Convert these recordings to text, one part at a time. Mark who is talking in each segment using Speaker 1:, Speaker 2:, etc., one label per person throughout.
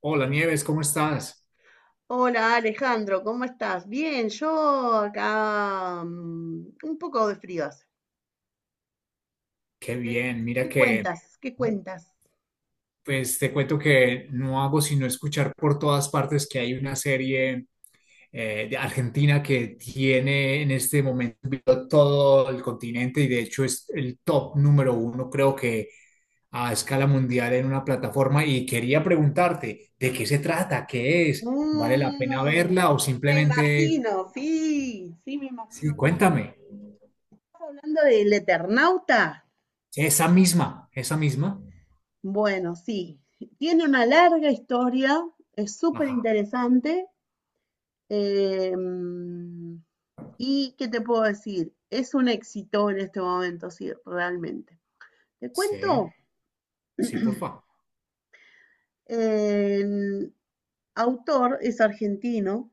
Speaker 1: Hola Nieves, ¿cómo estás?
Speaker 2: Hola Alejandro, ¿cómo estás? Bien, yo acá un poco de frío hace.
Speaker 1: Qué
Speaker 2: ¿Qué,
Speaker 1: bien, mira
Speaker 2: qué
Speaker 1: que
Speaker 2: cuentas? ¿Qué cuentas?
Speaker 1: pues te cuento que no hago sino escuchar por todas partes que hay una serie de Argentina que tiene en este momento todo el continente y de hecho es el top número uno, creo que a escala mundial en una plataforma y quería preguntarte, ¿de qué se trata? ¿Qué es? ¿Vale la pena
Speaker 2: Mm,
Speaker 1: verla o
Speaker 2: me
Speaker 1: simplemente,
Speaker 2: imagino, sí, sí, me
Speaker 1: sí,
Speaker 2: imagino. ¿Estás
Speaker 1: cuéntame,
Speaker 2: hablando del Eternauta?
Speaker 1: esa misma, esa misma?
Speaker 2: Bueno, sí, tiene una larga historia, es súper
Speaker 1: Ajá,
Speaker 2: interesante. em, ¿y qué te puedo decir? Es un éxito en este momento, sí, realmente. Te
Speaker 1: sí.
Speaker 2: cuento,
Speaker 1: Sí, porfa.
Speaker 2: en- autor es argentino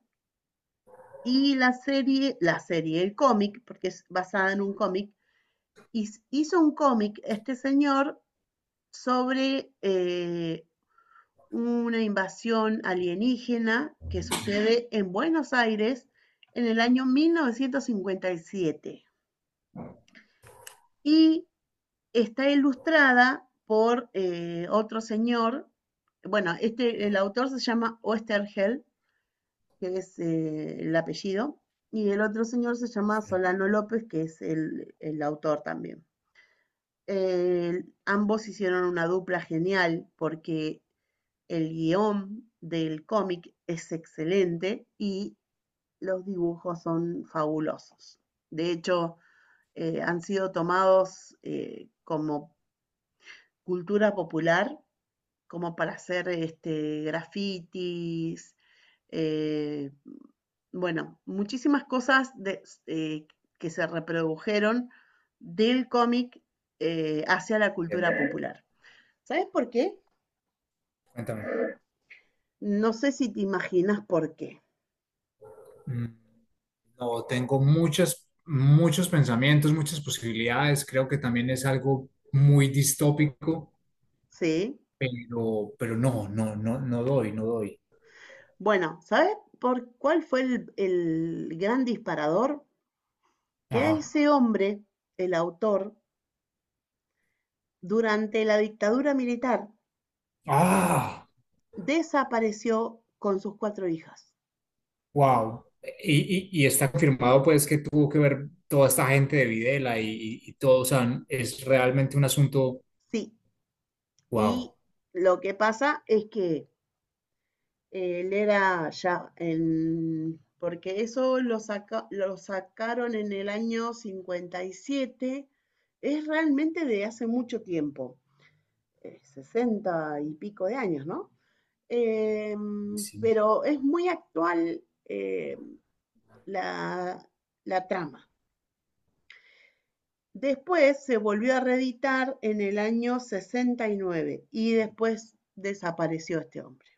Speaker 2: y la serie, el cómic, porque es basada en un cómic, hizo un cómic este señor sobre una invasión alienígena que sucede en Buenos Aires en el año 1957. Y siete. Y está ilustrada por otro señor, bueno, el autor se llama Oesterheld, que es el apellido, y el otro señor se llama Solano López, que es el autor también. Ambos hicieron una dupla genial porque el guión del cómic es excelente y los dibujos son fabulosos. De hecho, han sido tomados como cultura popular, como para hacer grafitis, eh, bueno, muchísimas cosas que se reprodujeron del cómic hacia la cultura
Speaker 1: Entiendo.
Speaker 2: popular. ¿Sabes por qué?
Speaker 1: Cuéntame.
Speaker 2: No sé si te imaginas por qué.
Speaker 1: Mm, no, tengo muchos pensamientos, muchas posibilidades. Creo que también es algo muy distópico,
Speaker 2: Sí.
Speaker 1: pero no, no, no, no doy, no doy.
Speaker 2: Bueno, ¿sabes por cuál fue el gran disparador? Que a
Speaker 1: Ajá.
Speaker 2: ese hombre, el autor, durante la dictadura militar,
Speaker 1: Ah,
Speaker 2: desapareció con sus cuatro hijas.
Speaker 1: wow. Y, y está confirmado pues que tuvo que ver toda esta gente de Videla y, y todo, o sea, es realmente un asunto,
Speaker 2: Sí,
Speaker 1: wow.
Speaker 2: y lo que pasa es que él era ya porque eso lo sacaron en el año 57, es realmente de hace mucho tiempo, 60 y pico de años, ¿no? Em,
Speaker 1: Sí.
Speaker 2: pero es muy actual, la, la trama. Después se volvió a reeditar en el año 69 y después desapareció este hombre,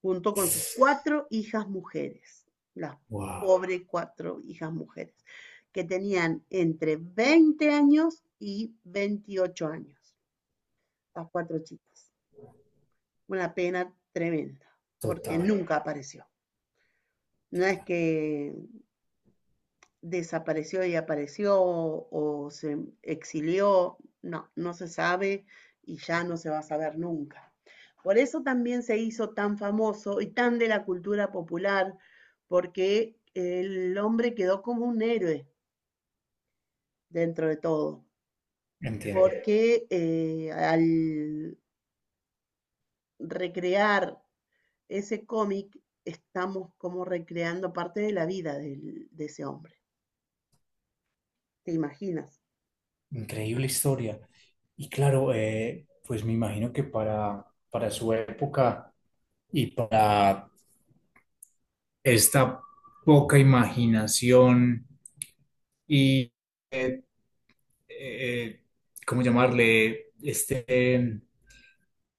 Speaker 2: junto con sus cuatro hijas mujeres, las
Speaker 1: Wow,
Speaker 2: pobres cuatro hijas mujeres, que tenían entre 20 años y 28 años, las cuatro chicas. Una pena tremenda, porque
Speaker 1: total,
Speaker 2: nunca apareció. No es que desapareció y apareció o se exilió, no, no se sabe y ya no se va a saber nunca. Por eso también se hizo tan famoso y tan de la cultura popular, porque el hombre quedó como un héroe dentro de todo,
Speaker 1: entiendo.
Speaker 2: porque al recrear ese cómic estamos como recreando parte de la vida de ese hombre. ¿Te imaginas?
Speaker 1: Increíble historia. Y claro, pues me imagino que para su época y para esta poca imaginación y, eh, eh, ¿cómo llamarle? Este,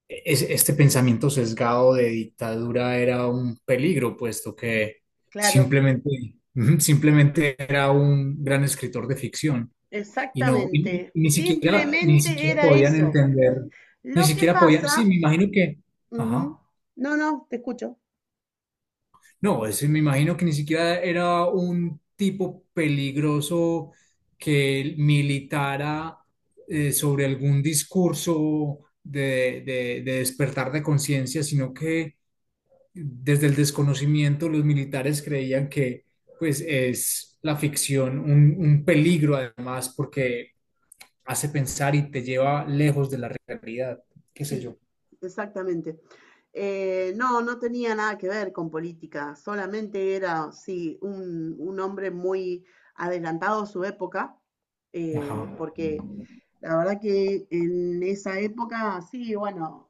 Speaker 1: este pensamiento sesgado de dictadura era un peligro, puesto que
Speaker 2: Claro.
Speaker 1: simplemente, simplemente era un gran escritor de ficción. Y no, y
Speaker 2: Exactamente.
Speaker 1: ni siquiera, ni
Speaker 2: Simplemente
Speaker 1: siquiera
Speaker 2: era
Speaker 1: podían
Speaker 2: eso.
Speaker 1: entender, ni
Speaker 2: Lo que
Speaker 1: siquiera podían, sí,
Speaker 2: pasa,
Speaker 1: me imagino que,
Speaker 2: ujú,
Speaker 1: ajá,
Speaker 2: no, no, te escucho.
Speaker 1: no, ese me imagino que ni siquiera era un tipo peligroso que militara sobre algún discurso de, de despertar de conciencia, sino que desde el desconocimiento los militares creían que pues es la ficción un peligro además porque hace pensar y te lleva lejos de la realidad, qué sé
Speaker 2: Sí,
Speaker 1: yo.
Speaker 2: exactamente. No, no tenía nada que ver con política, solamente era, sí, un hombre muy adelantado a su época,
Speaker 1: Ajá,
Speaker 2: porque la verdad que en esa época, sí, bueno,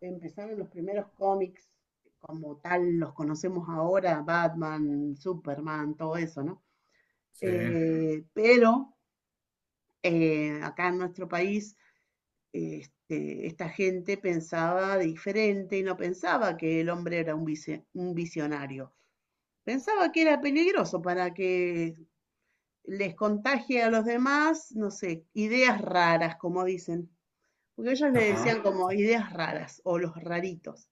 Speaker 2: empezaron los primeros cómics como tal, los conocemos ahora, Batman, Superman, todo eso, ¿no?
Speaker 1: sí,
Speaker 2: Pero acá en nuestro país, esta gente pensaba diferente y no pensaba que el hombre era un visionario. Pensaba que era peligroso para que les contagie a los demás, no sé, ideas raras, como dicen. Porque ellos le
Speaker 1: ajá,
Speaker 2: decían como ideas raras o los raritos.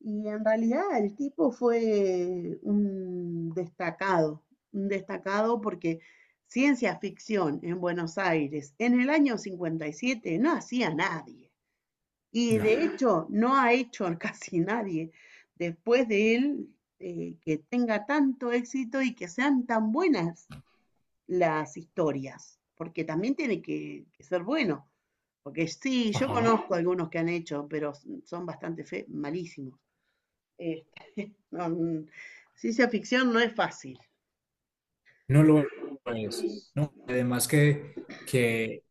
Speaker 2: Y en realidad el tipo fue un destacado porque ciencia ficción en Buenos Aires en el año 57 no hacía nadie. Y
Speaker 1: no,
Speaker 2: de hecho no ha hecho casi nadie después de él, que tenga tanto éxito y que sean tan buenas las historias, porque también tiene que ser bueno. Porque sí, yo
Speaker 1: ajá,
Speaker 2: conozco algunos que han hecho, pero son bastante malísimos. No, ciencia ficción no es fácil,
Speaker 1: no lo es, ¿no? Que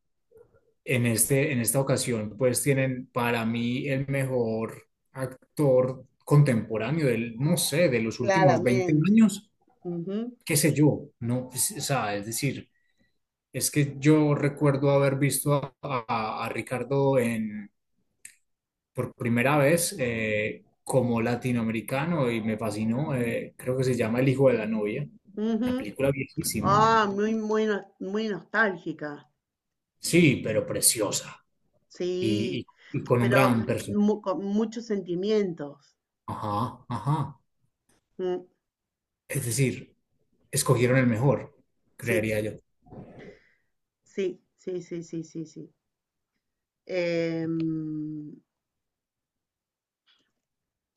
Speaker 1: en este, en esta ocasión, pues tienen para mí el mejor actor contemporáneo del, no sé, de los últimos 20
Speaker 2: claramente.
Speaker 1: años,
Speaker 2: Ujú,
Speaker 1: qué sé yo, no, o sea, es decir, es que yo recuerdo haber visto a, a Ricardo en por primera vez como latinoamericano y me fascinó. Creo que se llama El hijo de la novia, una
Speaker 2: ujú.
Speaker 1: película viejísima.
Speaker 2: Ah, muy, muy, muy nostálgica.
Speaker 1: Sí, pero preciosa y,
Speaker 2: Sí,
Speaker 1: y con un
Speaker 2: pero
Speaker 1: gran personaje.
Speaker 2: con muchos sentimientos.
Speaker 1: Ajá, ajá.
Speaker 2: Mm,
Speaker 1: Es decir, escogieron el mejor,
Speaker 2: sí,
Speaker 1: creería yo.
Speaker 2: sí, sí, sí, sí, sí, sí. Em,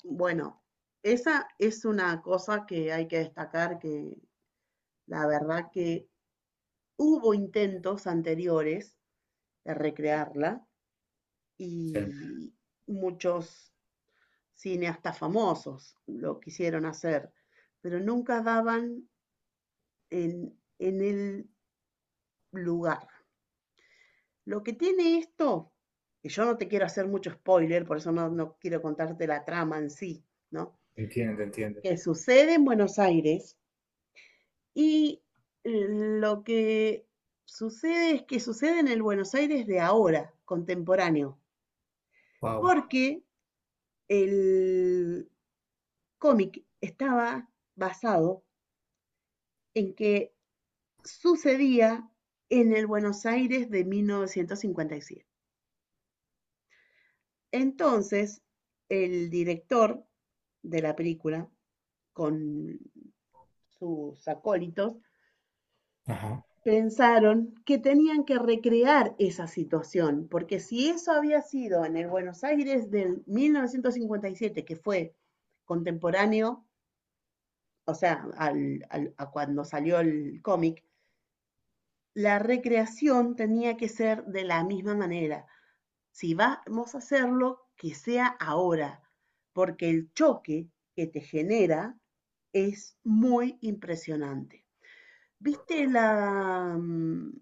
Speaker 2: bueno, esa es una cosa que hay que destacar, que la verdad que hubo intentos anteriores de recrearla, y
Speaker 1: Sí,
Speaker 2: muchos cineastas famosos lo quisieron hacer, pero nunca daban en el lugar. Lo que tiene esto, que yo no te quiero hacer mucho spoiler, por eso no quiero contarte la trama en sí, ¿no?
Speaker 1: entiendo, entiendo.
Speaker 2: Que sucede en Buenos Aires, y lo que sucede es que sucede en el Buenos Aires de ahora, contemporáneo,
Speaker 1: Wow.
Speaker 2: porque el cómic estaba basado en que sucedía en el Buenos Aires de 1957. Entonces, el director de la película, con sus acólitos,
Speaker 1: Ajá.
Speaker 2: pensaron que tenían que recrear esa situación, porque si eso había sido en el Buenos Aires del 1957, que fue contemporáneo, o sea, a cuando salió el cómic, la recreación tenía que ser de la misma manera. Si vamos a hacerlo, que sea ahora, porque el choque que te genera es muy impresionante. ¿Viste la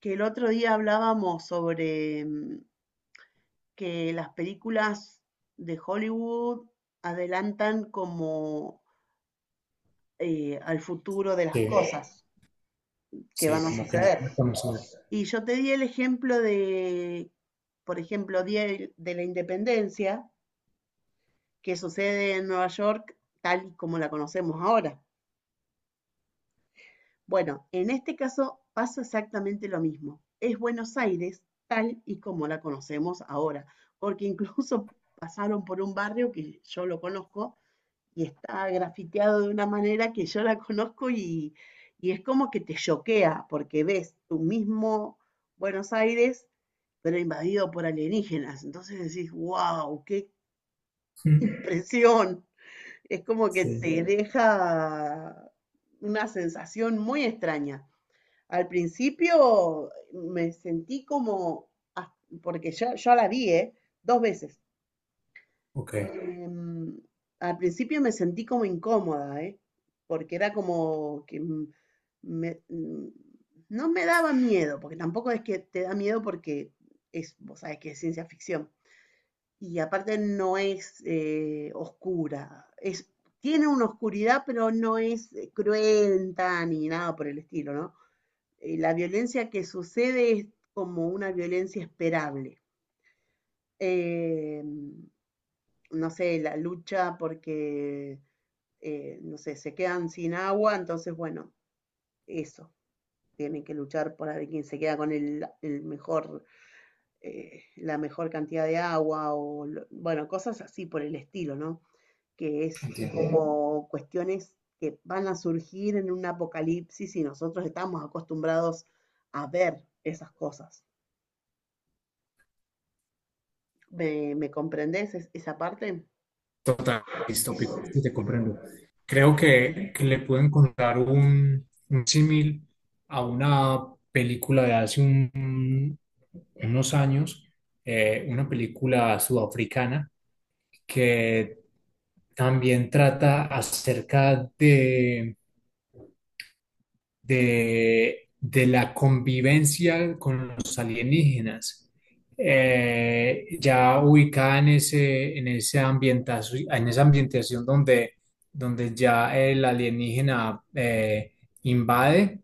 Speaker 2: que el otro día hablábamos sobre que las películas de Hollywood adelantan como al futuro de las
Speaker 1: Sí,
Speaker 2: cosas que van
Speaker 1: sí,
Speaker 2: a
Speaker 1: como que no se
Speaker 2: suceder?
Speaker 1: conocía.
Speaker 2: Y yo te di el ejemplo de, por ejemplo, Día de la Independencia, que sucede en Nueva York tal y como la conocemos ahora. Bueno, en este caso pasa exactamente lo mismo. Es Buenos Aires tal y como la conocemos ahora, porque incluso pasaron por un barrio que yo lo conozco, y está grafiteado de una manera que yo la conozco, y es como que te choquea porque ves tu mismo Buenos Aires pero invadido por alienígenas. Entonces decís, wow, ¡qué impresión! Es como que te,
Speaker 1: Sí,
Speaker 2: sí, deja una sensación muy extraña. Al principio me sentí como, ah, porque ya la vi, ¿eh? Dos veces.
Speaker 1: ok,
Speaker 2: Em, al principio me sentí como incómoda, ¿eh? Porque era como que me- m- no me daba miedo, porque tampoco es que te da miedo porque es, vos sabés que es ciencia ficción, y aparte no es oscura. Es, tiene una oscuridad, pero no es cruenta ni nada por el estilo, ¿no? La violencia que sucede es como una violencia esperable. Eh, no sé, la lucha porque, no sé, se quedan sin agua, entonces, bueno, eso. Tienen que luchar por a ver quién se queda con el mejor, la mejor cantidad de agua, o, bueno, cosas así por el estilo, ¿no? Que es
Speaker 1: entiendo.
Speaker 2: como cuestiones que van a surgir en un apocalipsis, y nosotros estamos acostumbrados a ver esas cosas. ¿Me comprendés esa parte?
Speaker 1: Total, distópico, sí te comprendo. Creo que le puedo encontrar un símil a una película de hace unos años, una película sudafricana que también trata acerca de la convivencia con los alienígenas, ya ubicada en ese, en ese en esa ambientación donde, donde ya el alienígena invade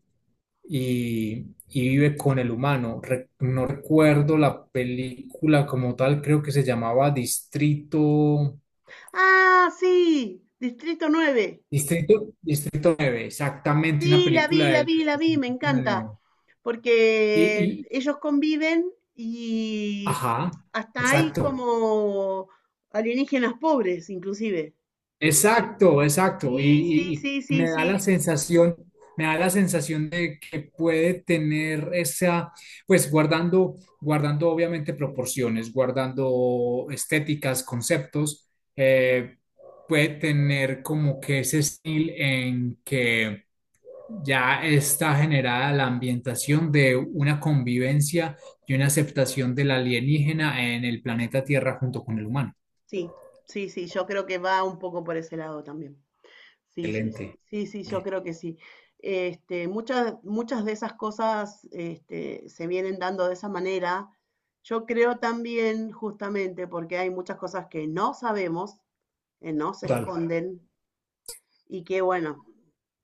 Speaker 1: y vive con el humano. No recuerdo la película como tal, creo que se llamaba Distrito,
Speaker 2: Ah, sí, Distrito nueve.
Speaker 1: Distrito, Distrito nueve exactamente,
Speaker 2: Sí,
Speaker 1: una
Speaker 2: la vi,
Speaker 1: película
Speaker 2: la
Speaker 1: del
Speaker 2: vi, la vi, me encanta.
Speaker 1: 2009.
Speaker 2: Porque
Speaker 1: Y,
Speaker 2: ellos conviven y
Speaker 1: ajá,
Speaker 2: hasta hay
Speaker 1: exacto,
Speaker 2: como alienígenas pobres, inclusive.
Speaker 1: exacto, exacto. Y,
Speaker 2: Sí, sí,
Speaker 1: y
Speaker 2: sí, sí,
Speaker 1: me da la
Speaker 2: sí.
Speaker 1: sensación, me da la sensación de que puede tener esa, pues guardando, guardando obviamente proporciones, guardando estéticas, conceptos, eh, puede tener como que ese estilo en que ya está generada la ambientación de una convivencia y una aceptación del alienígena en el planeta Tierra junto con el humano.
Speaker 2: Sí, sí, sí, yo creo que va un poco por ese lado también. Sí, sí, sí,
Speaker 1: Excelente.
Speaker 2: sí, sí, yo creo que sí. Muchas, muchas de esas cosas, se vienen dando de esa manera. Yo creo también, justamente, porque hay muchas cosas que no sabemos, que no se
Speaker 1: Total.
Speaker 2: esconden, y que bueno,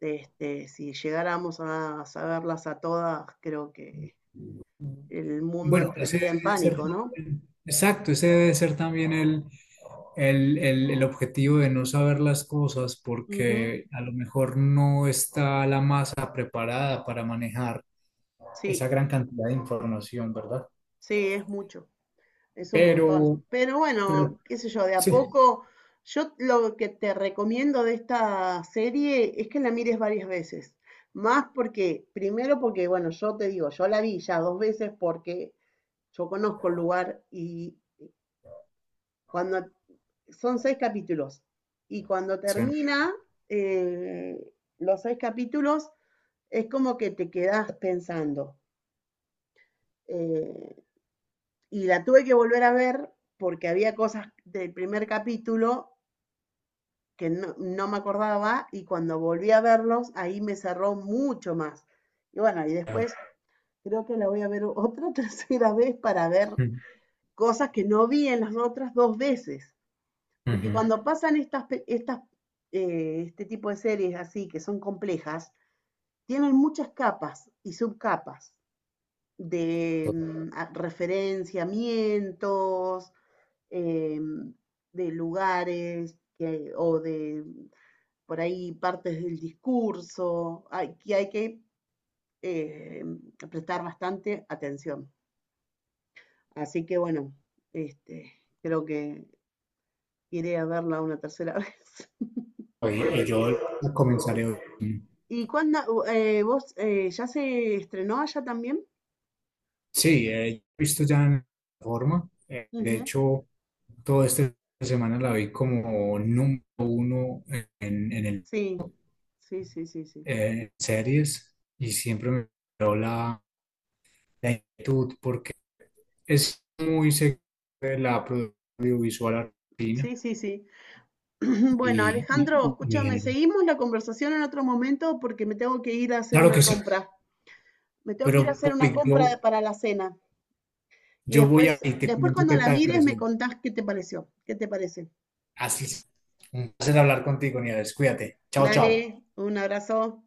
Speaker 2: si llegáramos a saberlas a todas, creo que el mundo
Speaker 1: Bueno, ese
Speaker 2: entraría en
Speaker 1: debe ser
Speaker 2: pánico, ¿no?
Speaker 1: exacto, ese debe ser también el, el objetivo de no saber las cosas
Speaker 2: Ujú.
Speaker 1: porque a lo mejor no está la masa preparada para manejar
Speaker 2: Sí,
Speaker 1: esa gran cantidad de información, ¿verdad?
Speaker 2: sí, es mucho. Es un montón.
Speaker 1: Pero
Speaker 2: Pero bueno, qué sé yo, de a
Speaker 1: sí,
Speaker 2: poco, yo lo que te recomiendo de esta serie es que la mires varias veces. Más porque, primero porque, bueno, yo te digo, yo la vi ya dos veces porque yo conozco el lugar, y cuando son seis capítulos y cuando
Speaker 1: sí.
Speaker 2: termina eh, los seis capítulos, es como que te quedás pensando. Eh, y la tuve que volver a ver porque había cosas del primer capítulo que no me acordaba, y cuando volví a verlos, ahí me cerró mucho más. Y bueno, y después creo que la voy a ver otra tercera vez para ver
Speaker 1: Ujú,
Speaker 2: cosas que no vi en las otras dos veces. Porque
Speaker 1: ujú.
Speaker 2: cuando pasan estas, este tipo de series así, que son complejas, tienen muchas capas y subcapas de
Speaker 1: Total.
Speaker 2: referenciamientos, em, de lugares o de por ahí partes del discurso, que hay que eh, prestar bastante atención. Así que bueno, este, creo que iré a verla una tercera vez.
Speaker 1: Y yo la comenzaré hoy.
Speaker 2: ¿Y cuándo? ¿Vos ya se estrenó allá también?
Speaker 1: Sí, he visto ya en forma. De
Speaker 2: Ujú.
Speaker 1: hecho... Toda esta semana la vi como número uno en el,
Speaker 2: Sí, sí, sí, sí, sí.
Speaker 1: series y siempre me dio la, la inquietud porque es muy segura de la producción audiovisual argentina
Speaker 2: Sí, sí, sí. Bueno,
Speaker 1: y,
Speaker 2: Alejandro,
Speaker 1: y mi
Speaker 2: escúchame,
Speaker 1: género.
Speaker 2: seguimos la conversación en otro momento porque me tengo que ir a hacer
Speaker 1: Claro
Speaker 2: una
Speaker 1: que sí,
Speaker 2: compra. Me tengo que ir a
Speaker 1: pero
Speaker 2: hacer una
Speaker 1: Paul,
Speaker 2: compra
Speaker 1: yo,
Speaker 2: para la cena. Y
Speaker 1: yo voy a
Speaker 2: después,
Speaker 1: y te
Speaker 2: después
Speaker 1: cuento
Speaker 2: cuando
Speaker 1: qué
Speaker 2: la
Speaker 1: tal me
Speaker 2: mires me
Speaker 1: pareció.
Speaker 2: contás qué te pareció, qué te parece.
Speaker 1: Así es. Un placer hablar contigo, Nieves. Cuídate. Chao, chao.
Speaker 2: Dale, un abrazo.